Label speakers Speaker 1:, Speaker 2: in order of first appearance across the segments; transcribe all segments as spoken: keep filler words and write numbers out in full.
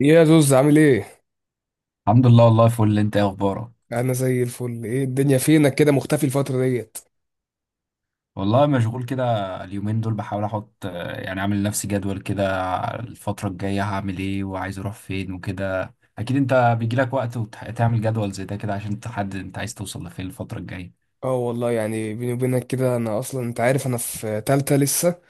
Speaker 1: يا زوز عامل ايه؟
Speaker 2: الحمد لله. والله فل، انت ايه اخبارك؟
Speaker 1: انا زي الفل. ايه الدنيا فينك كده مختفي الفترة ديت؟
Speaker 2: والله مشغول كده. اليومين دول بحاول احط يعني اعمل لنفسي جدول كده. الفترة الجاية هعمل ايه وعايز اروح فين وكده. اكيد انت بيجيلك وقت وتعمل جدول زي ده كده عشان تحدد انت عايز توصل لفين الفترة الجاية.
Speaker 1: اه والله، يعني بيني وبينك كده، انا اصلا انت عارف انا في تالتة لسه،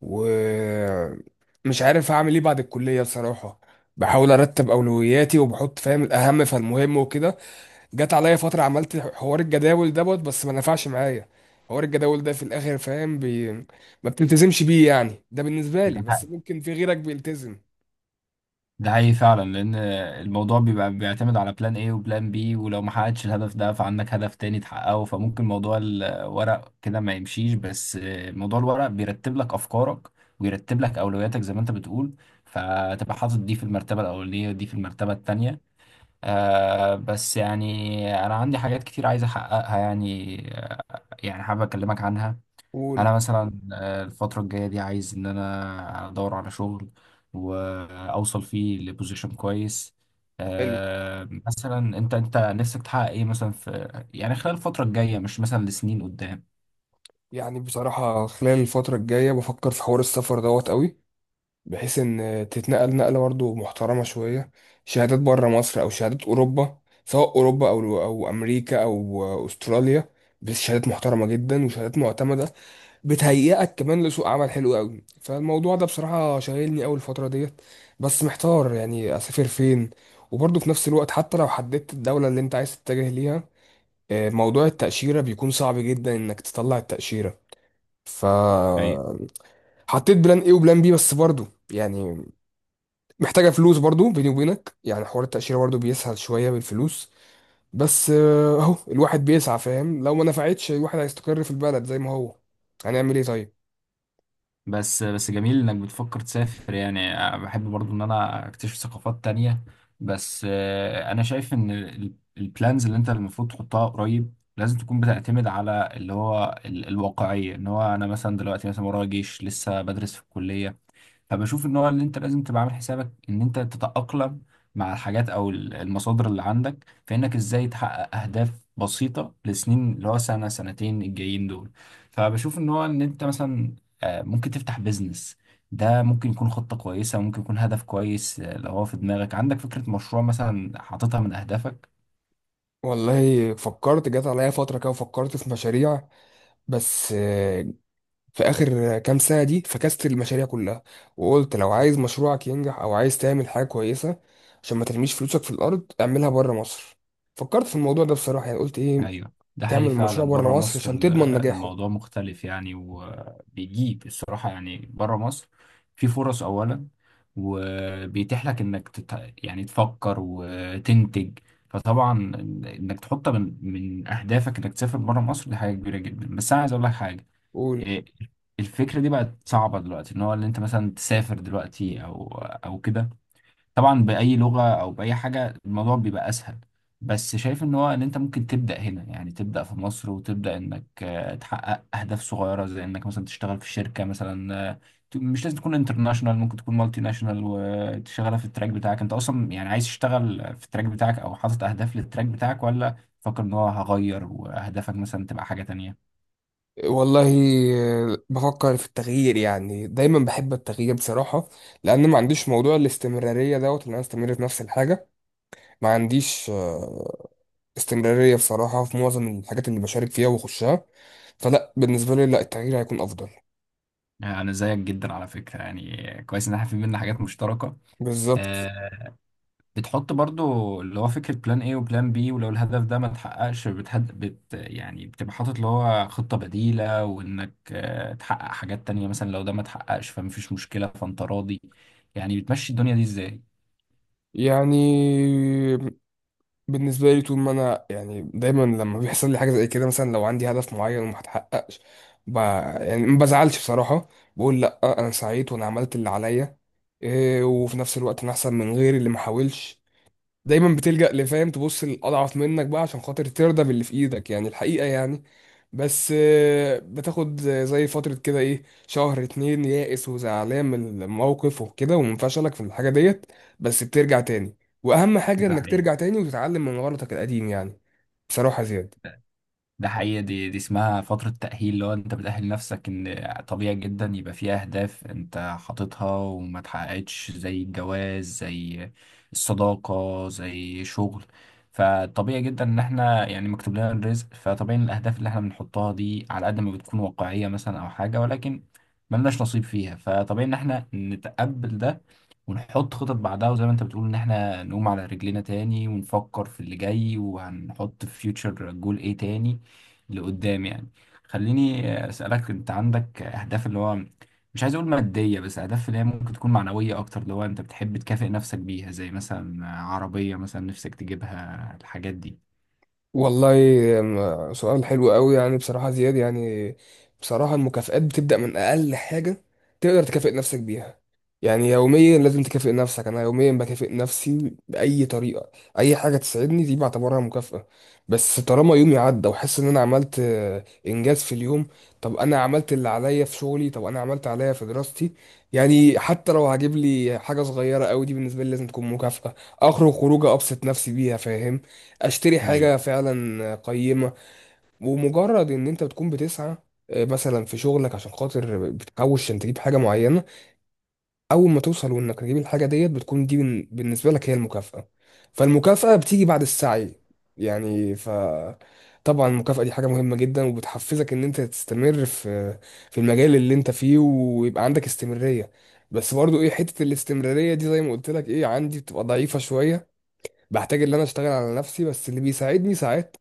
Speaker 1: ومش عارف هعمل ايه بعد الكلية بصراحة. بحاول ارتب اولوياتي وبحط فاهم الاهم فالمهم وكده. جت عليا فترة عملت حوار الجداول دوت، بس ما نفعش معايا. حوار الجداول ده في الاخر فاهم بي... ما بتلتزمش بيه، يعني ده بالنسبة لي، بس ممكن في غيرك بيلتزم.
Speaker 2: ده حقيقي فعلا، لان الموضوع بيبقى بيعتمد على بلان ايه وبلان بي. ولو ما حققتش الهدف ده فعندك هدف تاني تحققه، فممكن موضوع الورق كده ما يمشيش، بس موضوع الورق بيرتب لك افكارك، ويرتب لك اولوياتك زي ما انت بتقول. فتبقى حاطط دي في المرتبة الاولانية ودي في المرتبة التانية. آه بس يعني انا عندي حاجات كتير عايز احققها يعني. آه، يعني حابب اكلمك عنها.
Speaker 1: قول.
Speaker 2: انا مثلا، آه، الفتره الجايه دي عايز ان انا ادور على شغل واوصل فيه لبوزيشن كويس.
Speaker 1: حلو.
Speaker 2: آه، مثلا انت انت نفسك تحقق ايه مثلا في، يعني خلال الفتره الجايه، مش مثلا لسنين قدام.
Speaker 1: يعني بصراحة خلال الفترة الجاية بفكر في حوار السفر دوت قوي، بحيث إن تتنقل نقلة برضه محترمة شوية، شهادات بره مصر أو شهادات أوروبا، سواء أوروبا أو أو أمريكا أو أستراليا. بس شهادات محترمة جدا وشهادات معتمدة، بتهيئك كمان لسوق عمل حلو قوي. فالموضوع ده بصراحة شاغلني أوي الفترة ديت، بس محتار يعني أسافر فين. وبرضه في نفس الوقت، حتى لو حددت الدولة اللي أنت عايز تتجه ليها، آه، موضوع التأشيرة بيكون صعب جدا إنك تطلع التأشيرة. ف
Speaker 2: ايوه.
Speaker 1: حطيت بلان ايه وبلان بي، بس برضو يعني محتاجه فلوس. برضو بيني وبينك يعني حوار التاشيره برضو بيسهل شويه بالفلوس. بس آه، اهو الواحد بيسعى، فاهم؟ لو ما نفعتش، الواحد هيستقر في البلد زي ما هو. هنعمل ايه طيب؟
Speaker 2: بس بس جميل انك بتفكر تسافر. يعني أنا بحب برضو ان انا اكتشف ثقافات تانية. بس، آه، انا شايف ان البلانز اللي انت المفروض تحطها قريب لازم تكون بتعتمد على اللي هو ال- الواقعية. ان هو انا مثلا دلوقتي مثلا ورايا جيش، لسه بدرس في الكلية. فبشوف ان هو اللي انت لازم تبقى عامل حسابك ان انت تتأقلم مع الحاجات او ال- المصادر اللي عندك، فانك ازاي تحقق اهداف بسيطة لسنين اللي هو سنة سنتين الجايين دول. فبشوف ان هو ان انت مثلا آه، ممكن تفتح بيزنس. ده ممكن يكون خطة كويسة، ممكن يكون هدف كويس. آه، لو هو في دماغك عندك فكرة مشروع مثلا حاططها من اهدافك.
Speaker 1: والله فكرت. جات عليا فتره كده وفكرت في مشاريع، بس آه، في اخر كام سنه دي فكست المشاريع كلها، وقلت لو عايز مشروعك ينجح او عايز تعمل حاجه كويسه، عشان ما ترميش فلوسك في الارض اعملها بره مصر. فكرت في الموضوع ده بصراحه، يعني قلت ايه،
Speaker 2: ايوه، ده حقيقي
Speaker 1: تعمل المشروع
Speaker 2: فعلا.
Speaker 1: بره
Speaker 2: بره
Speaker 1: مصر
Speaker 2: مصر
Speaker 1: عشان
Speaker 2: ال-
Speaker 1: تضمن نجاحه.
Speaker 2: الموضوع مختلف يعني، وبيجيب الصراحه يعني. بره مصر في فرص اولا، وبيتيح لك انك تت... يعني تفكر وتنتج. فطبعا انك تحط من من اهدافك انك تسافر بره مصر دي حاجه كبيره جدا. بس انا عايز اقول لك حاجه.
Speaker 1: قول.
Speaker 2: إيه، الفكره دي بقت صعبه دلوقتي، ان هو اللي انت مثلا تسافر دلوقتي او او كده. طبعا بأي لغة أو بأي حاجة الموضوع بيبقى أسهل. بس شايف إن هو إن أنت ممكن تبدأ هنا، يعني تبدأ في مصر وتبدأ إنك آه، تحقق أهداف صغيرة زي إنك مثلا تشتغل في شركة مثلا. آه، ت- مش لازم تكون انترناشونال، ممكن تكون مالتي ناشونال وتشتغلها في التراك بتاعك. أنت أصلا يعني عايز تشتغل في التراك بتاعك أو حاطط أهداف للتراك بتاعك ولا فاكر إن هو هغير وأهدافك مثلا تبقى حاجة تانية؟
Speaker 1: والله آه، بفكر في التغيير، يعني دايما بحب التغيير بصراحة، لأن ما عنديش موضوع الاستمرارية دوت، إن أنا أستمر في نفس الحاجة. ما عنديش آه، استمرارية بصراحة في معظم الحاجات اللي بشارك فيها وأخشها. فلا بالنسبة لي، لا، التغيير هيكون أفضل.
Speaker 2: آه، أنا زيك جدا على فكرة يعني. كويس إن إحنا في بينا حاجات مشتركة.
Speaker 1: بالظبط.
Speaker 2: آه، بتحط برضو اللي هو فكرة بلان ايه وبلان بي. ولو الهدف ده ما اتحققش بتهد بت يعني بتبقى حاطط اللي هو خطة بديلة، وانك آه، تحقق حاجات تانية، مثلا لو ده ما اتحققش فمفيش مشكلة، فانت راضي. يعني بتمشي الدنيا دي ازاي؟
Speaker 1: يعني بالنسبة لي، طول ما أنا يعني دايما لما بيحصل لي حاجة زي كده، مثلا لو عندي هدف معين وما اتحققش، ب... يعني ما بزعلش بصراحة. بقول لأ، أنا سعيت وأنا عملت اللي عليا. إيه، وفي نفس الوقت أنا أحسن من غيري اللي ما حاولش. دايما بتلجأ لفاهم، تبص للأضعف منك بقى عشان خاطر ترضى باللي في إيدك، يعني الحقيقة يعني. بس آه، بتاخد زي فترة كده ايه، شهر اتنين يائس وزعلان من موقف وكده ومنفشلك في الحاجة ديت، بس بترجع تاني. وأهم حاجة
Speaker 2: ده
Speaker 1: إنك
Speaker 2: حقيقي.
Speaker 1: ترجع تاني وتتعلم من غلطك القديم، يعني بصراحة زياد.
Speaker 2: ده حقيقة. دي دي اسمها فترة تأهيل، اللي هو انت بتأهل نفسك ان طبيعي جدا يبقى في اهداف انت حاططها وما اتحققتش، زي الجواز زي الصداقة زي شغل. فطبيعي جدا ان احنا يعني مكتوب لنا الرزق، فطبيعي ان الاهداف اللي احنا بنحطها دي على قد ما بتكون واقعية مثلا او حاجة ولكن ملناش نصيب فيها، فطبيعي ان احنا نتقبل ده، ونحط خطط بعدها. وزي ما انت بتقول ان احنا نقوم على رجلينا تاني، ونفكر في اللي جاي وهنحط في فيوتشر جول ايه تاني لقدام يعني. خليني اسالك، انت عندك اهداف اللي هو، مش عايز اقول ماديه، بس اهداف اللي هي ممكن تكون معنويه اكتر، اللي هو انت بتحب تكافئ نفسك بيها زي مثلا عربيه مثلا نفسك تجيبها، الحاجات دي؟
Speaker 1: والله م- سؤال حلو قوي، يعني بصراحة زياد. يعني بصراحة المكافآت بتبدأ من أقل حاجة تقدر تكافئ نفسك بيها. يعني يوميا لازم تكافئ نفسك، أنا يوميا بكافئ نفسي بأي طريقة. أي حاجة تسعدني دي بعتبرها مكافأة، بس طالما يومي عدى وحس إن أنا عملت آه، إنجاز في اليوم. طب أنا عملت اللي عليا في شغلي، طب أنا عملت عليا في دراستي. يعني حتى لو هجيب لي حاجة صغيرة قوي، دي بالنسبة لي لازم تكون مكافأة. أخرج خروجة أبسط نفسي بيها، فاهمني؟ اشتري
Speaker 2: ايوه.
Speaker 1: حاجة فعلا قيمة. ومجرد ان انت بتكون بتسعى آه، مثلا في شغلك عشان خاطر بتحوش عشان تجيب حاجة معينة، اول ما توصل وانك تجيب الحاجة ديت، بتكون دي بن- بالنسبة لك هي المكافأة. فالمكافأة بتيجي بعد السعي يعني. ف طبعا المكافأة دي حاجة مهمة جدا، وبتحفزك ان انت تستمر في في المجال اللي انت فيه، ويبقى عندك استمرارية. بس برضو ايه، حتة الاستمرارية دي زي ما قلت لك ايه، عندي بتبقى ضعيفة شوية. بحتاج ان انا اشتغل على نفسي. بس اللي بيساعدني ساعات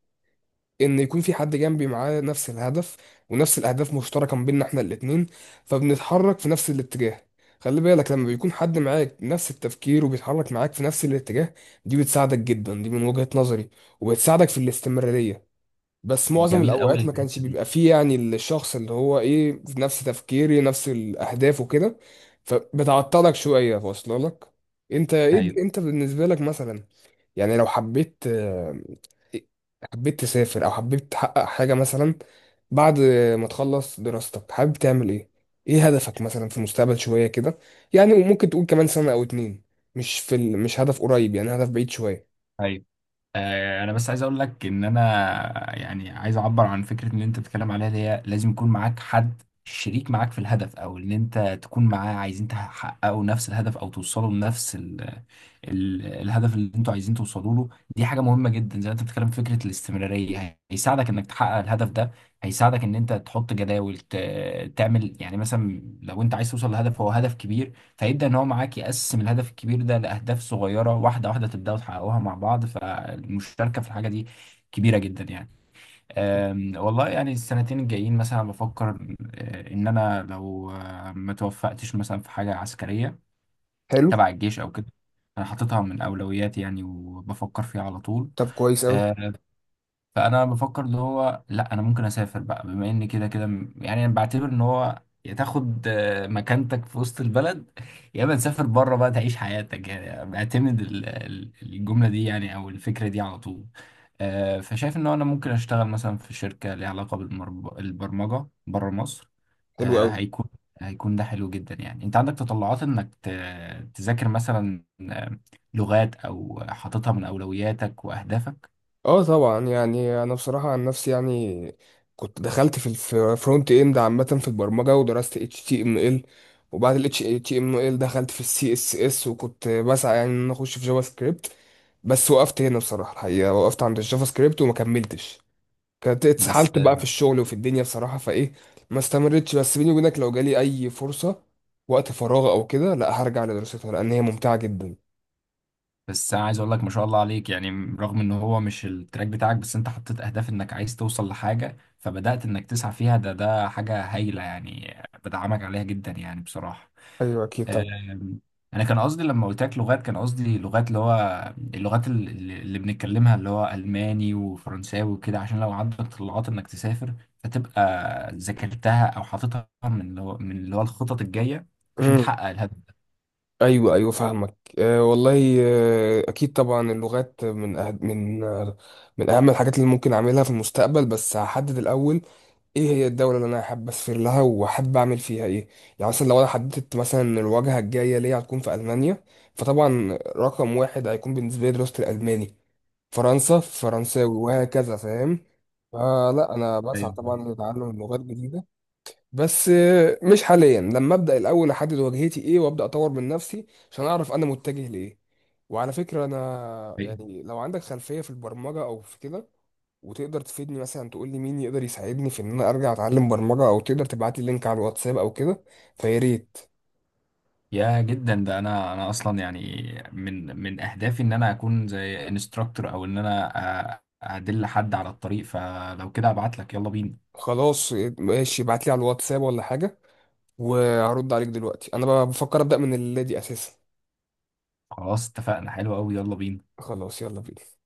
Speaker 1: ان يكون في حد جنبي معاه نفس الهدف، ونفس الاهداف مشتركه ما بيننا احنا الاتنين، فبنتحرك في نفس الاتجاه. خلي بالك، لما بيكون حد معاك نفس التفكير وبيتحرك معاك في نفس الاتجاه، دي بتساعدك جدا، دي من وجهة نظري، وبتساعدك في الاستمرارية. بس معظم
Speaker 2: جميل قوي
Speaker 1: الاوقات ما كانش
Speaker 2: الحته دي.
Speaker 1: بيبقى فيه يعني الشخص اللي هو ايه في نفس تفكيري، نفس الاهداف وكده، فبتعطلك شوية، واصله لك؟ انت ايه،
Speaker 2: ايوه،
Speaker 1: انت بالنسبة لك مثلا، يعني لو حبيت آه، حبيت تسافر او حبيت تحقق حاجة مثلا بعد ما تخلص دراستك، حابب تعمل ايه؟ ايه هدفك مثلا في المستقبل شوية كده؟ يعني وممكن تقول كمان سنة او اتنين، مش في ال... مش هدف قريب، يعني هدف بعيد شوية.
Speaker 2: ايوه. آه، انا بس عايز اقول لك ان انا يعني عايز اعبر عن فكره ان انت بتتكلم عليها، اللي هي لازم يكون معاك حد شريك معاك في الهدف، او ان انت تكون معاه عايزين تحققوا نفس الهدف او توصلوا لنفس ال ال الهدف اللي انتوا عايزين توصلوا له. دي حاجه مهمه جدا. زي ما انت بتتكلم في فكره الاستمراريه، هيساعدك انك تحقق الهدف ده، هيساعدك ان انت تحط جداول، ت- تعمل يعني مثلا لو انت عايز توصل لهدف هو هدف كبير، فيبدأ إن هو معاك يقسم الهدف الكبير ده لأهداف صغيرة واحدة واحدة، تبدأوا تحققوها مع بعض. فالمشاركة في الحاجة دي كبيرة جدا يعني. أم، والله يعني السنتين الجايين مثلا بفكر، أه، إن أنا لو أه، ما توفقتش مثلا في حاجة عسكرية
Speaker 1: حلو.
Speaker 2: تبع الجيش أو كده. أنا حاططها من أولوياتي يعني، وبفكر فيها على طول.
Speaker 1: طب كويس اوي.
Speaker 2: آه، فانا بفكر اللي هو، لا، انا ممكن اسافر بقى بما ان كده كده. م- يعني انا بعتبر ان هو يا تاخد آه، مكانتك في وسط البلد، يا اما تسافر بره بقى تعيش حياتك يعني. بعتمد ال- ال- الجمله دي يعني او الفكره دي على طول. آه، فشايف ان انا ممكن اشتغل مثلا في شركه ليها علاقه بالبرمجه بره مصر.
Speaker 1: حلو
Speaker 2: آه،
Speaker 1: اوي.
Speaker 2: هيكون هيكون ده حلو جدا يعني. انت عندك تطلعات انك ت- تذاكر مثلا آه، لغات، او حاططها من اولوياتك واهدافك؟
Speaker 1: اه طبعا، يعني انا بصراحه عن نفسي، يعني كنت دخلت في الفرونت اند عامه في البرمجه، ودرست اتش تي ام ال، وبعد ال اتش تي ام ال دخلت في السي اس اس، وكنت بسعى يعني ان أنا اخش في جافا سكريبت، بس وقفت هنا بصراحه. الحقيقه وقفت عند الجافا سكريبت وما كملتش، كانت
Speaker 2: بس
Speaker 1: اتسحلت بقى في الشغل وفي الدنيا بصراحه، فايه، ما استمرتش. بس بيني وبينك لو جالي اي فرصه وقت فراغ او كده، لا هرجع لدراستها لان هي ممتعه جدا.
Speaker 2: بس انا عايز اقول لك ما شاء الله عليك يعني، رغم ان هو مش التراك بتاعك بس انت حطيت اهداف انك عايز توصل لحاجة فبدأت انك تسعى فيها. ده ده حاجة هايلة يعني، بدعمك عليها جدا يعني بصراحة.
Speaker 1: ايوه اكيد
Speaker 2: أم، انا كان قصدي لما قلت لك لغات، كان قصدي لغات اللي هو اللغات، ال- اللي اللي بنتكلمها، اللي هو الماني وفرنساوي وكده، عشان لو عندك طلعات انك تسافر فتبقى ذاكرتها او حاططها من اللي هو من اللي هو الخطط الجاية عشان
Speaker 1: طبعا.
Speaker 2: تحقق الهدف ده.
Speaker 1: ايوه ايوه فاهمك. أه والله أه اكيد طبعا، اللغات من أه من آه، من اهم الحاجات اللي ممكن اعملها في المستقبل. بس هحدد الاول ايه هي الدوله اللي انا حابب اسافر لها وحابب اعمل فيها ايه. يعني مثلا لو انا حددت مثلا إن الواجهه الجايه ليا هتكون في المانيا، فطبعا رقم واحد هيكون بالنسبه لي دراسه الالماني. فرنسا فرنساوي وهكذا، فاهم؟ فلا انا بسعى
Speaker 2: ايوه،
Speaker 1: طبعا لتعلم لغات جديده، بس آه، مش حاليا. لما ابدا الاول احدد واجهتي ايه، وابدا اطور من نفسي عشان اعرف انا متجه لايه. وعلى فكره انا،
Speaker 2: فاهم.
Speaker 1: يعني لو عندك خلفيه في البرمجه او في كده، وتقدر تفيدني مثلا تقول لي مين يقدر يساعدني في ان انا ارجع اتعلم برمجه، او تقدر تبعت لي لينك على الواتساب او كده، فيا ريت.
Speaker 2: يا جدا ده، انا انا اصلا يعني من من اهدافي ان انا اكون زي انستراكتور، او ان انا أ- ادل حد على الطريق. فلو كده ابعت لك، يلا بينا.
Speaker 1: خلاص إيه، ماشي، ابعت لي على الواتساب ولا حاجه، وهرد عليك. دلوقتي انا بفكر ابدا من الليله دي اساسا.
Speaker 2: خلاص اتفقنا، حلو قوي، يلا بينا.
Speaker 1: خلاص يلا بينا.